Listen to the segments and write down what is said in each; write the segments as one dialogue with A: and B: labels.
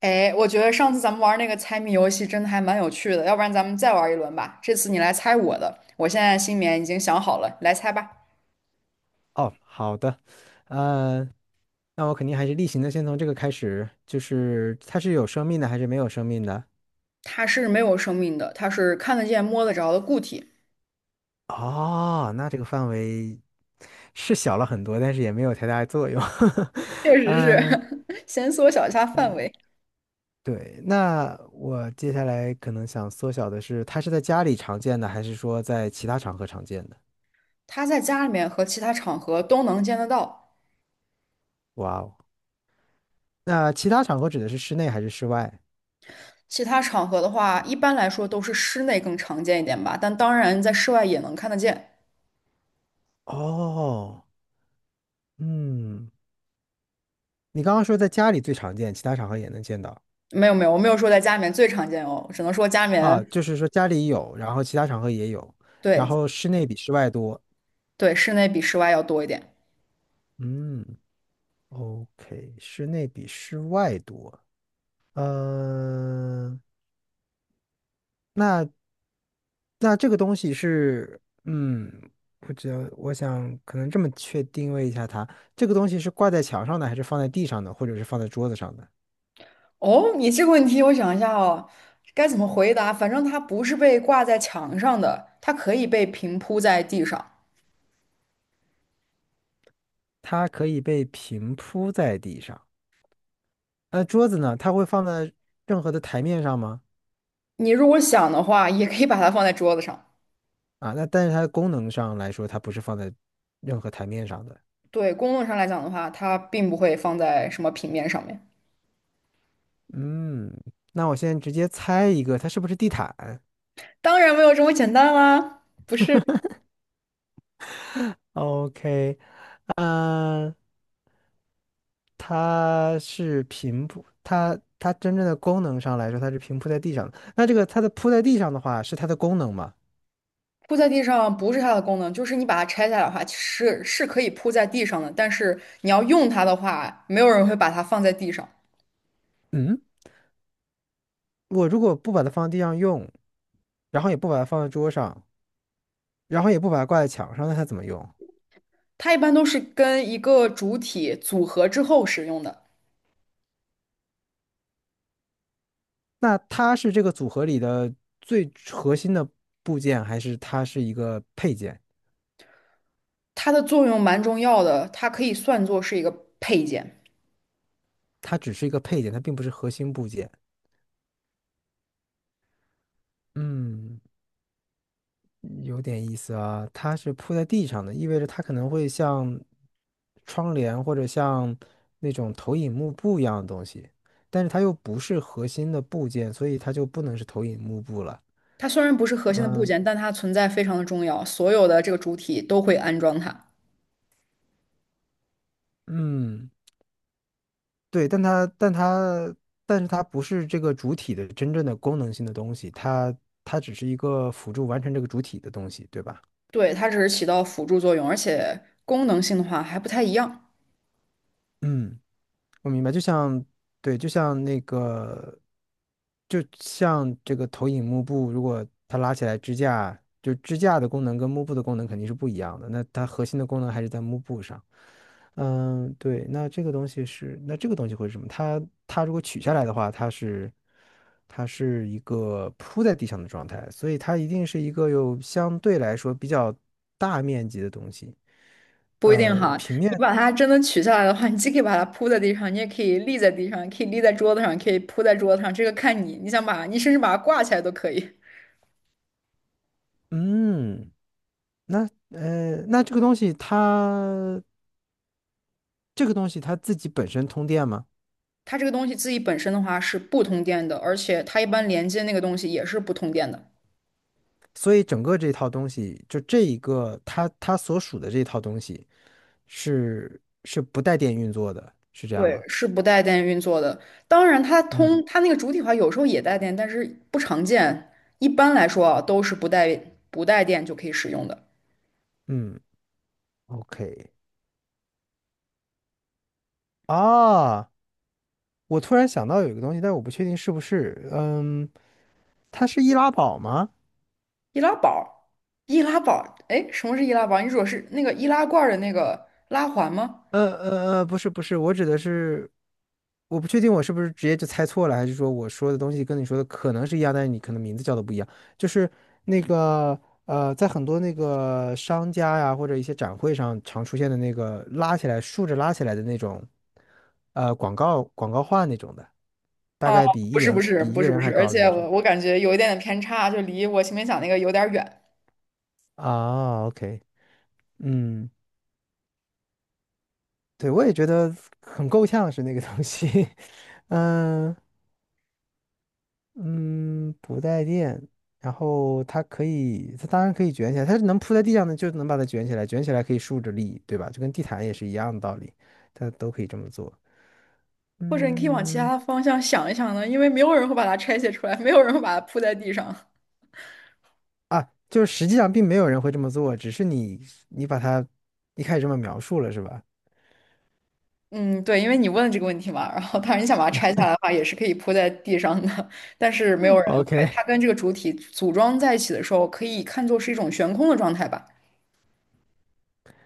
A: 哎，我觉得上次咱们玩那个猜谜游戏真的还蛮有趣的，要不然咱们再玩一轮吧。这次你来猜我的，我现在心里面已经想好了，来猜吧。
B: 哦，好的，呃，那我肯定还是例行的，先从这个开始，就是它是有生命的还是没有生命的？
A: 它是没有生命的，它是看得见、摸得着的固体。
B: 哦，那这个范围是小了很多，但是也没有太大的作用。
A: 确 实是，
B: 嗯，
A: 先缩小一下范围。
B: 对，那我接下来可能想缩小的是，它是在家里常见的，还是说在其他场合常见的？
A: 它在家里面和其他场合都能见得到。
B: 哇哦，那其他场合指的是室内还是室外？
A: 其他场合的话，一般来说都是室内更常见一点吧，但当然在室外也能看得见。
B: 哦，嗯，你刚刚说在家里最常见，其他场合也能见到。
A: 没有没有，我没有说在家里面最常见哦，只能说家里面，
B: 啊，就是说家里有，然后其他场合也有，然
A: 对
B: 后室内比室外多。
A: 对，室内比室外要多一点。
B: 嗯，OK，室内比室外多。嗯、那那这个东西是，不知道，我想可能这么确定位一下它，这个东西是挂在墙上的，还是放在地上的，或者是放在桌子上的？
A: 哦，你这个问题我想一下哦，该怎么回答？反正它不是被挂在墙上的，它可以被平铺在地上。
B: 它可以被平铺在地上。那桌子呢？它会放在任何的台面上吗？
A: 你如果想的话，也可以把它放在桌子上。
B: 啊，那但是它的功能上来说，它不是放在任何台面上的。
A: 对，公论上来讲的话，它并不会放在什么平面上面。
B: 嗯，那我现在直接猜一个，它是不是地毯？
A: 当然没有这么简单啦，不是
B: OK，嗯、它是平铺，它真正的功能上来说，它是平铺在地上的。那这个它的铺在地上的话，是它的功能吗？
A: 铺在地上不是它的功能，就是你把它拆下来的话，是可以铺在地上的，但是你要用它的话，没有人会把它放在地上。
B: 嗯，我如果不把它放在地上用，然后也不把它放在桌上，然后也不把它挂在墙上，那它怎么用？
A: 它一般都是跟一个主体组合之后使用的。
B: 那它是这个组合里的最核心的部件，还是它是一个配件？
A: 它的作用蛮重要的，它可以算作是一个配件。
B: 它只是一个配件，它并不是核心部件。嗯有点意思啊，它是铺在地上的，意味着它可能会像窗帘或者像那种投影幕布一样的东西，但是它又不是核心的部件，所以它就不能是投影幕布了。
A: 它虽然不是核心的部件，但它存在非常的重要，所有的这个主体都会安装它。
B: 嗯对，但它但是它不是这个主体的真正的功能性的东西，它只是一个辅助完成这个主体的东西，对吧？
A: 对，它只是起到辅助作用，而且功能性的话还不太一样，
B: 嗯。我明白，就像对，就像那个，就像这个投影幕布，如果它拉起来支架，就支架的功能跟幕布的功能肯定是不一样的。那它核心的功能还是在幕布上。嗯，对，那这个东西是，那这个东西会是什么？它它如果取下来的话，它是一个铺在地上的状态，所以它一定是一个有相对来说比较大面积的东西。
A: 不一定哈。
B: 平
A: 你
B: 面，
A: 把它真的取下来的话，你既可以把它铺在地上，你也可以立在地上，可以立在桌子上，可以铺在桌子上，这个看你，你想把你甚至把它挂起来都可以。
B: 嗯。那那这个东西它这个东西它自己本身通电吗？
A: 它这个东西自己本身的话是不通电的，而且它一般连接那个东西也是不通电的。
B: 所以整个这套东西，就这一个它所属的这套东西是不带电运作的，是这样
A: 对，
B: 吗？
A: 是不带电运作的。当然，它通
B: 嗯，
A: 它那个主体化有时候也带电，但是不常见。一般来说啊，都是不带电就可以使用的。
B: 嗯，OK 啊，我突然想到有一个东西，但是我不确定是不是，它是易拉宝吗？
A: 易拉宝，易拉宝，哎，什么是易拉宝？你说是那个易拉罐儿的那个拉环吗？
B: 不是不是，我指的是，我不确定我是不是直接就猜错了，还是说我说的东西跟你说的可能是一样，但是你可能名字叫的不一样。就是那个在很多那个商家呀或者一些展会上常出现的那个拉起来竖着拉起来的那种，广告画那种的，大
A: 啊，
B: 概比
A: 不
B: 一
A: 是，不
B: 人
A: 是，
B: 比一
A: 不
B: 个
A: 是，不
B: 人还
A: 是。而
B: 高的
A: 且
B: 那种。
A: 我感觉有一点点偏差，就离我前面讲那个有点远。
B: 啊，OK，嗯，对，我也觉得很够呛是那个东西，嗯。嗯，不带电，然后它可以，它当然可以卷起来，它是能铺在地上的，就能把它卷起来，卷起来可以竖着立，对吧？就跟地毯也是一样的道理，它都可以这么做。
A: 或者你可以往其他
B: 嗯，
A: 的方向想一想呢，因为没有人会把它拆卸出来，没有人会把它铺在地上。
B: 啊，就是实际上并没有人会这么做，只是你把它一开始这么描述了，是吧
A: 嗯，对，因为你问了这个问题嘛，然后当然你想把它拆下来的话，也是可以铺在地上的，但是没有人会。
B: ？OK，
A: 它跟这个主体组装在一起的时候，可以看作是一种悬空的状态吧。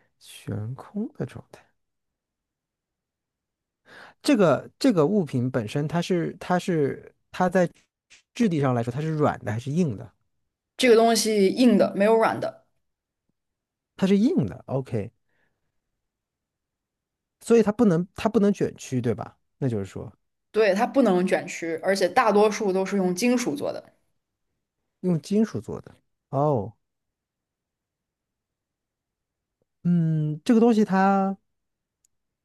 B: 悬空的状态，这个物品本身它在质地上来说它是软的还是硬的？
A: 这个东西硬的，没有软的，
B: 它是硬的，OK。所以它不能卷曲，对吧？那就是说
A: 对，它不能卷曲，而且大多数都是用金属做的，
B: 用金属做的。哦，嗯，这个东西它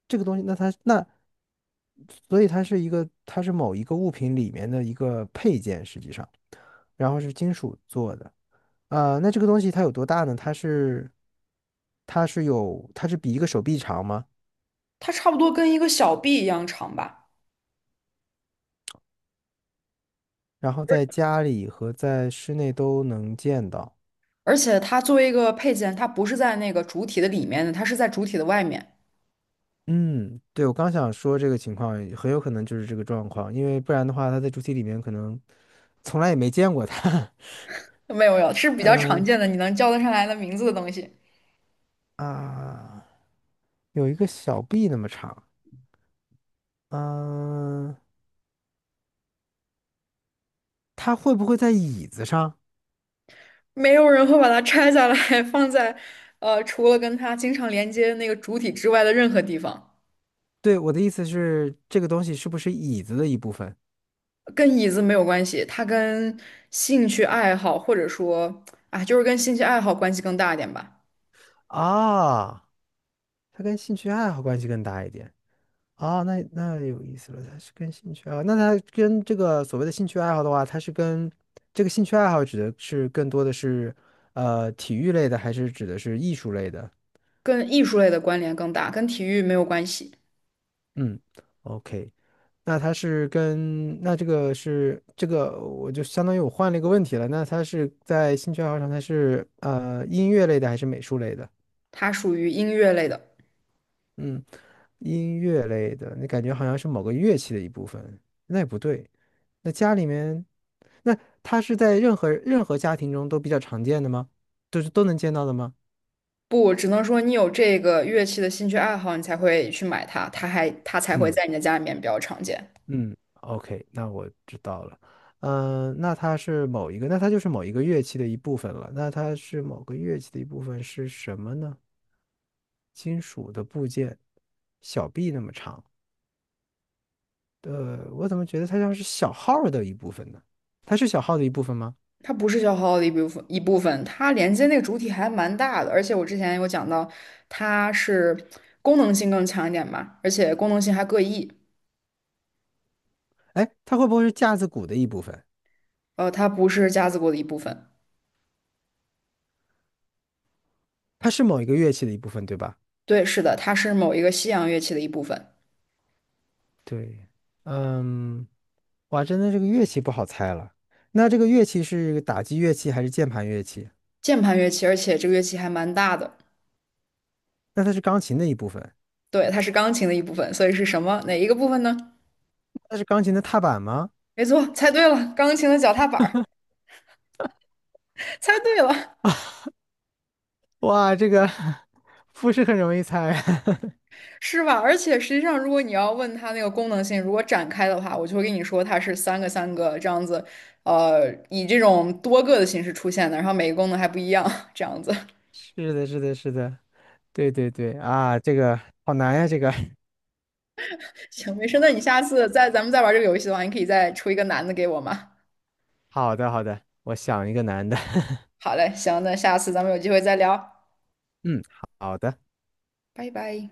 B: 这个东西，那所以它是某一个物品里面的一个配件，实际上，然后是金属做的。啊、那这个东西它有多大呢？它是比一个手臂长吗？
A: 它差不多跟一个小臂一样长吧。
B: 然后在家里和在室内都能见到。
A: 而且它作为一个配件，它不是在那个主体的里面的，它是在主体的外面。
B: 嗯，对，我刚想说这个情况很有可能就是这个状况，因为不然的话，它在主体里面可能从来也没见过它。
A: 没有没有，是 比较常
B: 嗯
A: 见的，你能叫得上来的名字的东西。
B: 啊，有一个小臂那么长。嗯，它会不会在椅子上？
A: 没有人会把它拆下来 放在，除了跟它经常连接那个主体之外的任何地方，
B: 对，我的意思是，这个东西是不是椅子的一部分？
A: 跟椅子没有关系，它跟兴趣爱好或者说啊，就是跟兴趣爱好关系更大一点吧，
B: 啊，它跟兴趣爱好关系更大一点。啊，那那有意思了，它是跟兴趣啊？那它跟这个所谓的兴趣爱好的话，它是跟这个兴趣爱好指的是更多的是体育类的，还是指的是艺术类的？
A: 跟艺术类的关联更大，跟体育没有关系，
B: 嗯，OK。那它是跟那这个是这个，我就相当于我换了一个问题了。那它是在兴趣爱好上，它是音乐类的还是美术类的？
A: 它属于音乐类的。
B: 嗯，音乐类的，你感觉好像是某个乐器的一部分，那也不对。那家里面，那它是在任何家庭中都比较常见的吗？都能见到的吗？
A: 不，只能说你有这个乐器的兴趣爱好，你才会去买它，它才会
B: 嗯。
A: 在你的家里面比较常见。
B: 嗯，OK，那我知道了。嗯、那它是某一个，那它就是某一个乐器的一部分了。那它是某个乐器的一部分是什么呢？金属的部件，小臂那么长。呃，我怎么觉得它像是小号儿的一部分呢？它是小号的一部分吗？
A: 它不是消耗的一部分，它连接那个主体还蛮大的，而且我之前有讲到，它是功能性更强一点嘛，而且功能性还各异，
B: 哎，它会不会是架子鼓的一部分？
A: 它不是架子鼓的一部分。
B: 它是某一个乐器的一部分，对吧？
A: 对，是的，它是某一个西洋乐器的一部分，
B: 对，嗯，哇，真的这个乐器不好猜了。那这个乐器是打击乐器还是键盘乐器？
A: 键盘乐器，而且这个乐器还蛮大的。
B: 那它是钢琴的一部分，
A: 对，它是钢琴的一部分，所以是什么？哪一个部分呢？
B: 那是钢琴的踏板吗？
A: 没错，猜对了，钢琴的脚踏板儿，猜对了。
B: 哇，这个 不是很容易猜。
A: 是吧？而且实际上，如果你要问它那个功能性，如果展开的话，我就会跟你说它是三个三个这样子，以这种多个的形式出现的，然后每个功能还不一样，这样子。
B: 是的，是的，是的，对对对啊，这个好难呀，这个。
A: 行，没事，那你下次再咱们再玩这个游戏的话，你可以再出一个难的给我吗？
B: 好的，好的，我想一个难的。
A: 好嘞，行，那下次咱们有机会再聊，
B: 嗯，好的。
A: 拜拜。